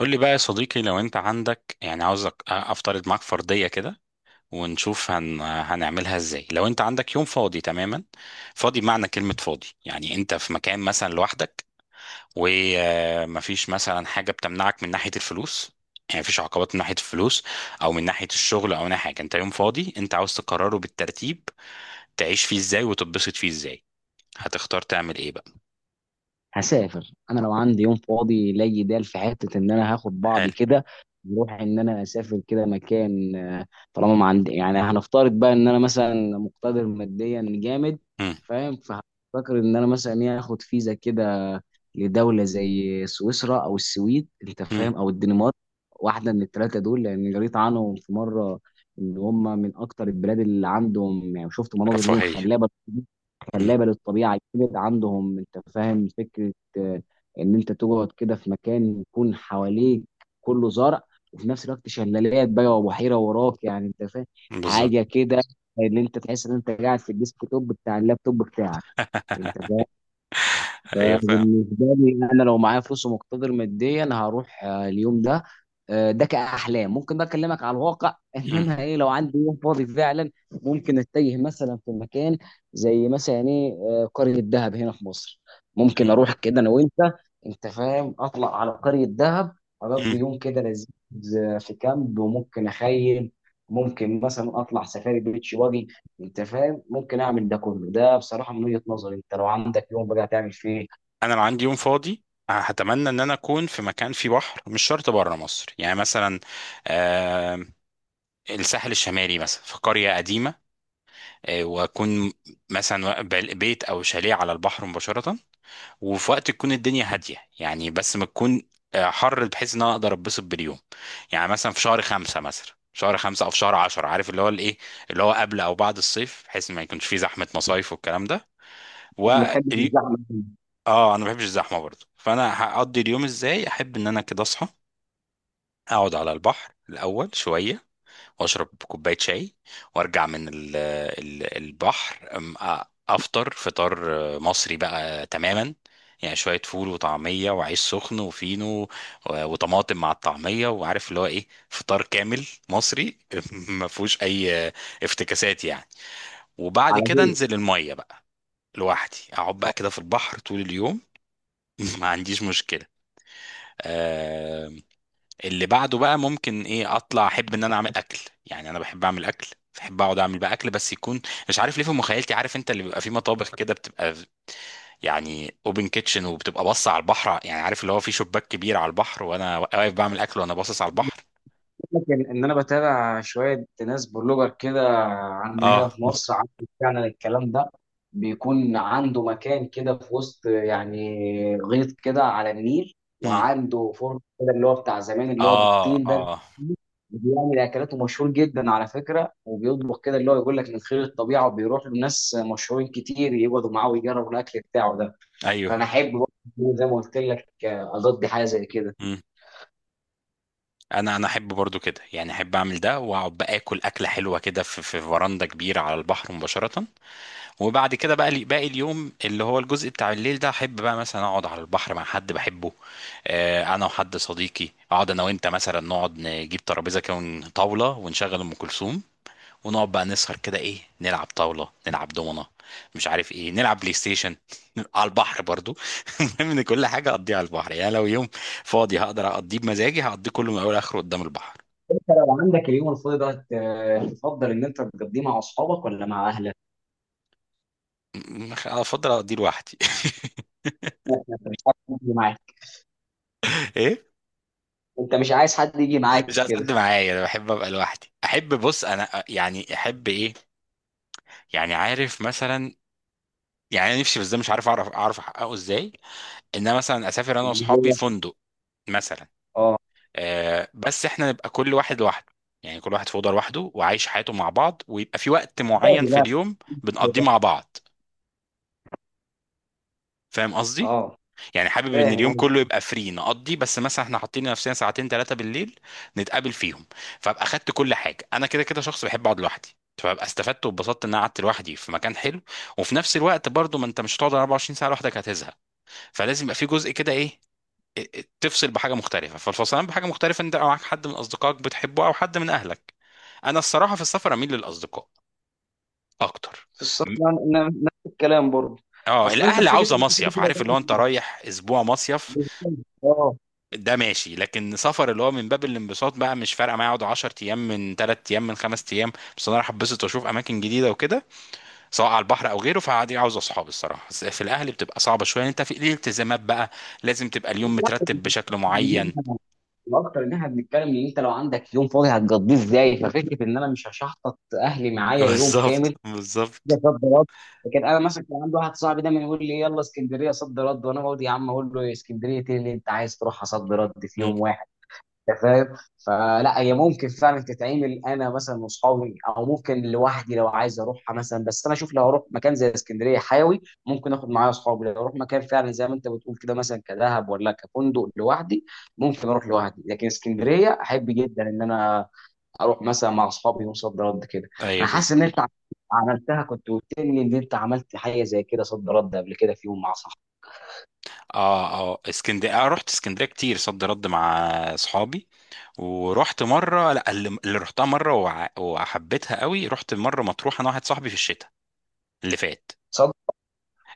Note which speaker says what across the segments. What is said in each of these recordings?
Speaker 1: قول لي بقى يا صديقي، لو انت عندك، يعني عاوزك افترض معاك فرضية كده ونشوف هنعملها ازاي. لو انت عندك يوم فاضي تماما، فاضي بمعنى كلمة فاضي، يعني انت في مكان مثلا لوحدك ومفيش مثلا حاجة بتمنعك من ناحية الفلوس، يعني مفيش عقبات من ناحية الفلوس او من ناحية الشغل او من ناحية حاجة، انت يوم فاضي انت عاوز تقرره بالترتيب تعيش فيه ازاي وتتبسط فيه ازاي، هتختار تعمل ايه بقى؟
Speaker 2: هسافر انا لو عندي يوم فاضي لا يدال في حته ان انا هاخد بعضي
Speaker 1: حلو.
Speaker 2: كده. نروح ان انا اسافر كده مكان، طالما ما عندي، يعني هنفترض بقى ان انا مثلا مقتدر ماديا جامد.
Speaker 1: امم
Speaker 2: فاهم؟ فهفكر ان انا مثلا ايه، هاخد فيزا كده لدوله زي سويسرا او السويد، انت
Speaker 1: امم
Speaker 2: فاهم، او الدنمارك. واحده من 3 دول لان قريت عنهم في مره ان هم من اكتر البلاد اللي عندهم، يعني شفت مناظر ليهم
Speaker 1: رفاهية.
Speaker 2: خلابه.
Speaker 1: امم
Speaker 2: خلابه للطبيعه يبعد عندهم، انت فاهم فكره. آه، ان انت تقعد كده في مكان يكون حواليك كله زرع، وفي نفس الوقت شلالات بقى وبحيره وراك، يعني انت فاهم.
Speaker 1: بالظبط.
Speaker 2: حاجه كده، ان انت تحس ان انت قاعد في الديسك توب بتاع اللابتوب بتاعك، انت فاهم.
Speaker 1: هي فعلا.
Speaker 2: فبالنسبه لي انا لو معايا فلوس ومقتدر ماديا، انا هروح اليوم ده. ده كاحلام. ممكن بقى اكلمك على الواقع ان انا ايه، لو عندي يوم فاضي فعلا، ممكن اتجه مثلا في مكان زي مثلا ايه، قريه دهب هنا في مصر. ممكن اروح كده انا وانت، انت فاهم، اطلع على قريه دهب،
Speaker 1: مم.
Speaker 2: اقضي يوم كده لذيذ، في كامب وممكن اخيم. ممكن مثلا اطلع سفاري بيتش واجي، انت فاهم. ممكن اعمل ده كله. ده بصراحه من وجهه نظري. انت لو عندك يوم بقى هتعمل فيه إيه؟
Speaker 1: انا لو عندي يوم فاضي، هتمنى ان انا اكون في مكان فيه بحر، مش شرط بره مصر، يعني مثلا آه، الساحل الشمالي مثلا، في قرية قديمة، واكون مثلا بيت او شاليه على البحر مباشرة، وفي وقت تكون الدنيا هادية يعني، بس ما تكون حر، بحيث ان انا اقدر اتبسط باليوم. يعني مثلا في شهر خمسة، مثلا شهر خمسة أو في شهر عشرة، عارف اللي هو الإيه، اللي هو قبل أو بعد الصيف، بحيث ما يكونش فيه زحمة مصايف والكلام
Speaker 2: ما بحبش
Speaker 1: ده.
Speaker 2: الزحمه دي.
Speaker 1: اه انا ما بحبش الزحمه برضه، فانا هقضي اليوم ازاي؟ احب ان انا كده اصحى، اقعد على البحر الاول شويه، واشرب كوبايه شاي، وارجع من ال البحر، افطر فطار مصري بقى تماما، يعني شويه فول وطعميه وعيش سخن وفينو وطماطم مع الطعميه، وعارف اللي هو ايه، فطار كامل مصري ما فيهوش اي افتكاسات يعني. وبعد
Speaker 2: على
Speaker 1: كده
Speaker 2: طول.
Speaker 1: انزل الميه بقى لوحدي، اقعد بقى
Speaker 2: اه.
Speaker 1: كده في البحر طول اليوم. ما عنديش مشكله. آه، اللي بعده بقى ممكن ايه، اطلع احب ان انا اعمل اكل، يعني انا بحب اعمل اكل، بحب اقعد اعمل بقى اكل، بس يكون، مش عارف ليه في مخيلتي، عارف انت اللي بيبقى في مطابخ كده بتبقى يعني اوبن كيتشن، وبتبقى باصه على البحر، يعني عارف اللي هو، في شباك كبير على البحر وانا واقف بعمل اكل وانا باصص على البحر.
Speaker 2: لكن ان انا بتابع شويه ناس بلوجر كده عندنا
Speaker 1: اه.
Speaker 2: هنا في مصر، عارف، فعلا الكلام ده. بيكون عنده مكان كده في وسط، يعني غيط كده على النيل،
Speaker 1: مم.
Speaker 2: وعنده فرن كده اللي هو بتاع زمان، اللي هو
Speaker 1: اه
Speaker 2: بالطين ده.
Speaker 1: اه.
Speaker 2: بيعمل اكلاته مشهور جدا على فكره، وبيطبخ كده اللي هو يقول لك من خير الطبيعه، وبيروح لناس مشهورين كتير يقعدوا معاه ويجربوا الاكل بتاعه ده.
Speaker 1: ايوه.
Speaker 2: فانا احب برضه، زي ما قلت لك، اضدي حاجه زي كده.
Speaker 1: مم. انا احب برضو كده، يعني احب اعمل ده واقعد باكل اكله حلوه كده، في فراندا كبيره على البحر مباشره. وبعد كده بقى باقي اليوم، اللي هو الجزء بتاع الليل ده، احب بقى مثلا اقعد على البحر مع حد بحبه، انا وحد صديقي، اقعد انا وانت مثلا، نقعد نجيب ترابيزه كده طاوله، ونشغل ام كلثوم، ونقعد بقى نسهر كده ايه، نلعب طاوله، نلعب دومنه، مش عارف ايه، نلعب بلاي ستيشن على البحر برضو. المهم ان كل حاجه اقضيها على البحر، يعني لو يوم فاضي هقدر اقضيه بمزاجي، هقضيه كله من اول لاخره قدام البحر.
Speaker 2: عندك اليوم الفاضي ده، تفضل ان انت تقضيه مع اصحابك ولا مع اهلك؟
Speaker 1: م- افضل اقضيه لوحدي.
Speaker 2: لا، انت مش عايز حد يجي معاك.
Speaker 1: ايه،
Speaker 2: انت مش عايز حد يجي معاك
Speaker 1: مش عايز
Speaker 2: كده.
Speaker 1: حد معايا، انا بحب ابقى لوحدي، احب، بص انا يعني احب ايه، يعني عارف مثلا، يعني انا نفسي بس ده مش عارف اعرف احققه ازاي، ان انا مثلا اسافر انا
Speaker 2: اللي
Speaker 1: واصحابي
Speaker 2: هو.
Speaker 1: فندق مثلا،
Speaker 2: اه.
Speaker 1: آه، بس احنا نبقى كل واحد لوحده، يعني كل واحد في اوضه لوحده وعايش حياته مع بعض، ويبقى في وقت معين
Speaker 2: فاهم
Speaker 1: في
Speaker 2: بقى
Speaker 1: اليوم بنقضيه
Speaker 2: كده.
Speaker 1: مع بعض، فاهم قصدي؟
Speaker 2: اه.
Speaker 1: يعني حابب ان
Speaker 2: فاهم
Speaker 1: اليوم
Speaker 2: والله.
Speaker 1: كله يبقى فري نقضي، بس مثلا احنا حاطين لنفسنا ساعتين ثلاثه بالليل نتقابل فيهم. فابقى خدت كل حاجه، انا كده كده شخص بحب اقعد لوحدي، فببقى استفدت واتبسطت ان انا قعدت لوحدي في مكان حلو، وفي نفس الوقت برضو، ما انت مش هتقعد 24 ساعه لوحدك، هتزهق، فلازم يبقى في جزء كده ايه، إيه- إيه، تفصل بحاجه مختلفه، فالفصلان بحاجه مختلفه انت معاك حد من اصدقائك بتحبه او حد من اهلك. انا الصراحه في السفر اميل للاصدقاء اكتر.
Speaker 2: في السفر
Speaker 1: م-
Speaker 2: نفس الكلام برضه.
Speaker 1: اه
Speaker 2: اصل انت
Speaker 1: الاهل
Speaker 2: فكره
Speaker 1: عاوزه
Speaker 2: إن أنت كده
Speaker 1: مصيف،
Speaker 2: كده
Speaker 1: عارف اللي هو
Speaker 2: برضه
Speaker 1: انت رايح اسبوع مصيف،
Speaker 2: بتتكلم. اه.
Speaker 1: ده ماشي، لكن سفر اللي هو من باب الانبساط بقى، مش فارقه معايا اقعد 10 ايام من 3 ايام من 5 ايام، بس انا رايح اتبسط واشوف اماكن جديده وكده، سواء على البحر او غيره، فعادي عاوز اصحابي الصراحه، بس في الاهل بتبقى صعبه شويه، انت في ليه التزامات بقى، لازم تبقى اليوم مترتب
Speaker 2: فكرة
Speaker 1: بشكل
Speaker 2: إن
Speaker 1: معين.
Speaker 2: الاكتر ان احنا بنتكلم ان انت لو عندك يوم فاضي هتقضيه ازاي، ففكره ان انا مش هشحطط اهلي معايا يوم
Speaker 1: بالظبط
Speaker 2: كامل.
Speaker 1: بالظبط.
Speaker 2: ده صد رد. لكن انا مثلا كان عندي واحد صاحبي دايما يقول لي يلا اسكندريه صد رد، وانا بقعد يا عم اقول له إيه، اسكندريه؟ ايه اللي انت عايز تروحها صد رد في
Speaker 1: مم.
Speaker 2: يوم واحد؟ انت فاهم؟ فلا، هي ممكن فعلا تتعمل، انا مثلا واصحابي، او ممكن لوحدي لو عايز اروحها مثلا. بس انا اشوف لو اروح مكان زي اسكندريه حيوي، ممكن اخد معايا اصحابي. لو اروح مكان فعلا زي ما انت بتقول كده، مثلا كدهب ولا كفندق لوحدي، ممكن اروح لوحدي. لكن
Speaker 1: مم.
Speaker 2: اسكندريه احب جدا ان انا اروح مثلا مع اصحابي نوصل صد رد كده. انا
Speaker 1: ايوه
Speaker 2: حاسس ان
Speaker 1: بالظبط.
Speaker 2: انت عملتها. كنت قلت لي ان انت عملت حاجه زي كده صد رد قبل كده في يوم مع صاحبك.
Speaker 1: اه اه، اسكندريه، آه، رحت اسكندريه كتير صد رد مع اصحابي، ورحت مره، لا، اللي رحتها مره وحبيتها قوي، رحت مره مطروح انا واحد صاحبي في الشتاء اللي فات.
Speaker 2: صد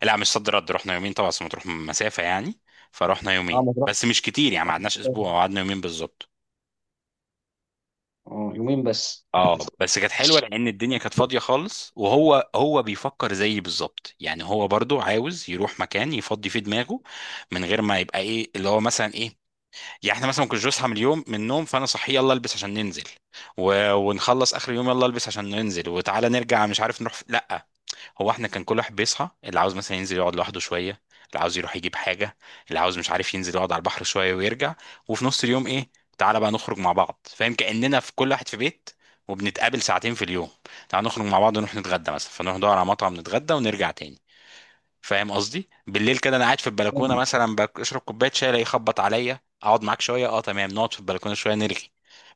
Speaker 1: لا مش صد رد، رحنا يومين طبعا عشان مطروح مسافة يعني، فرحنا
Speaker 2: اه،
Speaker 1: يومين
Speaker 2: ما تروحش
Speaker 1: بس مش كتير، يعني ما قعدناش
Speaker 2: تاني.
Speaker 1: اسبوع، قعدنا يومين بالظبط.
Speaker 2: يومين بس.
Speaker 1: اه بس كانت حلوة لان الدنيا كانت فاضية خالص، وهو بيفكر زيي بالظبط، يعني هو برضو عاوز يروح مكان يفضي فيه دماغه، من غير ما يبقى ايه اللي هو مثلا ايه، يعني احنا مثلا ما كناش بنصحى من اليوم من النوم فانا صحي يلا البس عشان ننزل ونخلص اخر يوم يلا البس عشان ننزل وتعالى نرجع، مش عارف نروح لا، هو احنا كان كل واحد بيصحى، اللي عاوز مثلا ينزل يقعد لوحده شويه، اللي عاوز يروح يجيب حاجه، اللي عاوز مش عارف ينزل يقعد على البحر شويه ويرجع، وفي نص اليوم ايه، تعالى بقى نخرج مع بعض، فاهم، كاننا في كل واحد في بيت وبنتقابل ساعتين في اليوم، تعالى نخرج مع بعض ونروح نتغدى مثلا، فنروح ندور على مطعم نتغدى ونرجع تاني، فاهم قصدي، بالليل كده انا قاعد في البلكونه مثلا بشرب كوبايه شاي الاقيه يخبط عليا، اقعد معاك شويه، اه تمام، نقعد في البلكونه شويه نرغي،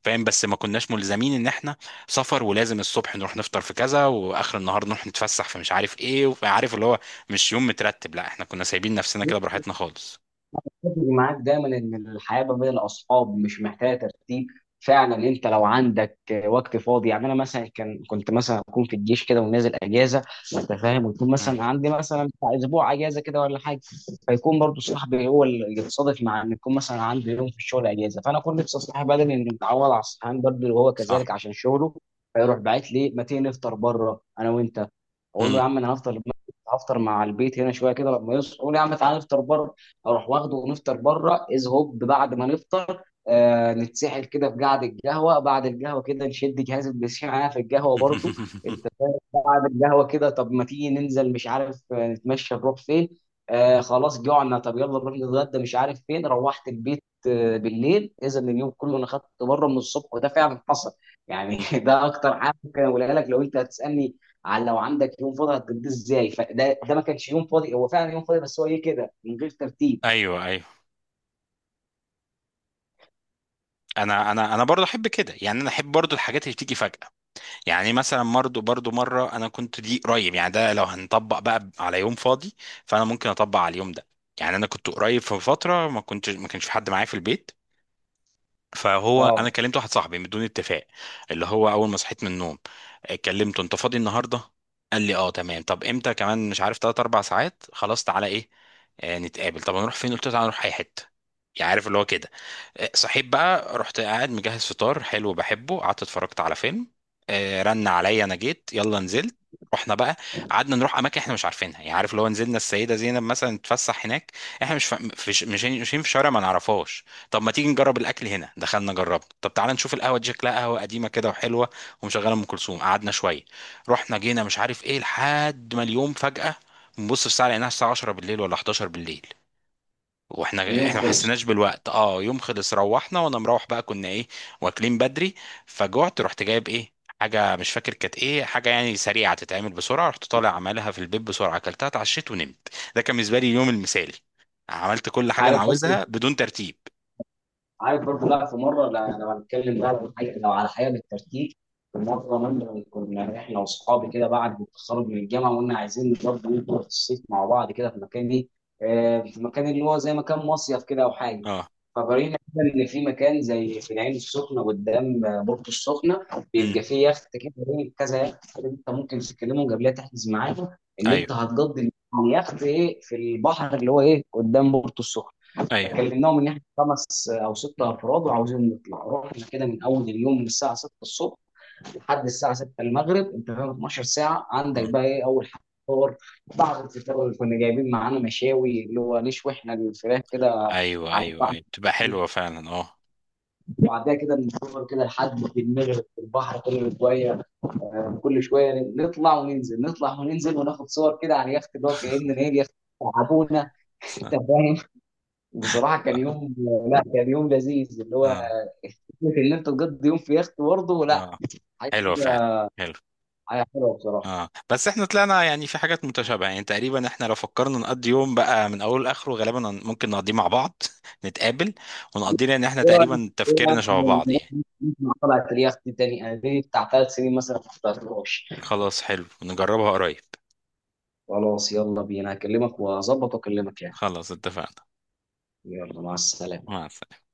Speaker 1: فاهم، بس ما كناش ملزمين ان احنا سفر ولازم الصبح نروح نفطر في كذا واخر النهار نروح نتفسح في مش عارف ايه، وعارف اللي هو مش يوم مترتب، لا احنا كنا سايبين نفسنا كده براحتنا خالص.
Speaker 2: اتفق معاك دايما ان الحياه ما بين الاصحاب مش محتاجه ترتيب، فعلا. انت لو عندك وقت فاضي، يعني انا مثلا كنت مثلا اكون في الجيش كده ونازل اجازه، انت فاهم، ويكون
Speaker 1: مم.
Speaker 2: مثلا عندي مثلا بتاع اسبوع اجازه كده ولا حاجه. فيكون برضو صاحبي هو اللي يتصادف مع ان يكون مثلا عندي يوم في الشغل اجازه. فانا كنت نفسي صاحبي، بدل انه متعود على الصحيان بدري وهو
Speaker 1: صح.
Speaker 2: كذلك عشان شغله، فيروح باعت لي ما تيجي نفطر بره انا وانت. اقول له
Speaker 1: مم.
Speaker 2: يا عم انا هفطر. هفطر مع البيت هنا شويه كده، لما يصحوا يقول لي يا عم تعالى نفطر بره. اروح واخده ونفطر بره از هوب. بعد ما نفطر آه، نتسحل كده في قعده القهوه. بعد القهوه كده نشد جهاز البلاي ستيشن معايا في القهوه برضو، انت فاهم. بعد القهوه كده طب ما تيجي ننزل، مش عارف، نتمشى. نروح فين؟ آه، خلاص جوعنا. طب يلا نروح نتغدى، مش عارف فين. روحت البيت بالليل. اذا اليوم كله انا خدت بره من الصبح، وده فعلا حصل يعني.
Speaker 1: مم.
Speaker 2: ده اكتر حاجه ممكن اقولها لك لو انت هتسالني على لو عندك يوم فاضي هتقضيه ازاي. فده ما كانش يوم فاضي، هو فعلا يوم فاضي، بس هو ايه كده من غير ترتيب.
Speaker 1: ايوه ايوه. انا برضه احب كده، يعني انا احب برضه الحاجات اللي بتيجي فجأة، يعني مثلا برضه مره انا كنت دي قريب، يعني ده لو هنطبق بقى على يوم فاضي، فانا ممكن اطبق على اليوم ده، يعني انا كنت قريب في فتره، ما كنتش، ما كانش في حد معايا في البيت، فهو انا
Speaker 2: اه.
Speaker 1: كلمت واحد صاحبي بدون اتفاق، اللي هو اول ما صحيت من النوم، كلمته، انت فاضي النهارده؟ قال لي اه تمام، طب امتى؟ كمان مش عارف 3 4 ساعات، خلاص تعالى ايه نتقابل، طب هنروح فين؟ قلت له تعالى نروح اي حته، يعني عارف اللي هو كده، صحيت بقى، رحت قاعد مجهز فطار حلو بحبه، قعدت اتفرجت على فيلم، رن عليا، انا جيت يلا، نزلت، رحنا بقى، قعدنا نروح اماكن احنا مش عارفينها، يعني عارف اللي هو نزلنا السيده زينب مثلا نتفسح هناك، احنا مش في شارع ما نعرفهاش، طب ما تيجي نجرب الاكل هنا، دخلنا جربنا، طب تعالى نشوف القهوه دي، شكلها قهوه قديمه كده وحلوه ومشغله ام كلثوم، قعدنا شويه، رحنا جينا مش عارف ايه، لحد ما اليوم فجاه نبص في الساعه لقيناها الساعه 10 بالليل ولا 11 بالليل، واحنا
Speaker 2: اليوم
Speaker 1: احنا ما
Speaker 2: خلص.
Speaker 1: حسيناش بالوقت. اه يوم خلص، روحنا وانا مروح بقى، كنا ايه واكلين بدري، فجعت، رحت جايب ايه، حاجه مش فاكر كانت ايه، حاجه يعني سريعه تتعمل بسرعه، رحت طالع عملها في البيت بسرعه، اكلتها، اتعشيت ونمت. ده كان بالنسبه لي اليوم المثالي، عملت كل حاجه انا
Speaker 2: عارف برضو
Speaker 1: عاوزها بدون ترتيب.
Speaker 2: عارف برضو. لا، في مره، لا، لو هنتكلم بقى عن حاجه، لو على حاجه بالترتيب. في مره مثلا كنا احنا واصحابي كده بعد التخرج من الجامعه، وقلنا عايزين برضو نطلع في الصيف مع بعض كده في مكان ايه، في مكان اللي هو زي مكان مصيف كده او حاجه.
Speaker 1: اه
Speaker 2: فقرينا كده ان في مكان زي في العين السخنه قدام، بورتو السخنه، بيبقى فيه يخت كده. كذا يخت كده، انت ممكن تكلمهم قبلها تحجز معاهم ان
Speaker 1: ايوه
Speaker 2: انت هتقضي اليخت ايه في البحر، اللي هو ايه قدام بورتو السخنه.
Speaker 1: ايوه.
Speaker 2: فكلمناهم ان احنا 5 أو 6 افراد وعاوزين نطلع. رحنا كده من اول اليوم من الساعه 6 الصبح لحد الساعه 6 المغرب. انت فاهم؟ 12 ساعه. عندك
Speaker 1: مم.
Speaker 2: بقى ايه اول حاجه؟ فطار. بعد الفطار اللي كنا جايبين معانا مشاوي، اللي هو نشوي احنا الفراخ كده
Speaker 1: ايوه
Speaker 2: على
Speaker 1: ايوه
Speaker 2: الفحم،
Speaker 1: ايوه تبقى حلوه فعلا. اه
Speaker 2: وبعدها كده بنتصور كده لحد في المغرب في البحر. كل شويه، كل شويه نطلع وننزل، نطلع وننزل، وناخد صور كده على اليخت، اللي هو كأن ايه، اليخت تعبونا، انت فاهم. بصراحة كان يوم، لا، كان يوم لذيذ. اللي هو
Speaker 1: اه
Speaker 2: فكرة إن أنت تقضي يوم في يخت برضه، لا،
Speaker 1: اه،
Speaker 2: حاجة
Speaker 1: حلوه
Speaker 2: كده،
Speaker 1: فعلا. حلو.
Speaker 2: حاجة حلوة بصراحة.
Speaker 1: اه بس احنا طلعنا يعني في حاجات متشابهه يعني تقريبا، احنا لو فكرنا نقضي يوم بقى من اوله لاخره، غالبا ممكن نقضيه مع بعض، نتقابل ونقضيه، لان احنا
Speaker 2: إيه رأيك؟
Speaker 1: تقريبا
Speaker 2: إيه
Speaker 1: تفكيرنا
Speaker 2: رأيك
Speaker 1: شبه بعض
Speaker 2: نروح
Speaker 1: يعني.
Speaker 2: نسمع طلعة اليخت تاني؟ أنا دي بتاع 3 سنين مثلا ما طلعتهاش.
Speaker 1: خلاص حلو نجربها قريب.
Speaker 2: خلاص يلا بينا. هكلمك وأظبط وأكلمك يعني.
Speaker 1: خلاص اتفقنا.
Speaker 2: يلا مع السلامة.
Speaker 1: مع السلامه.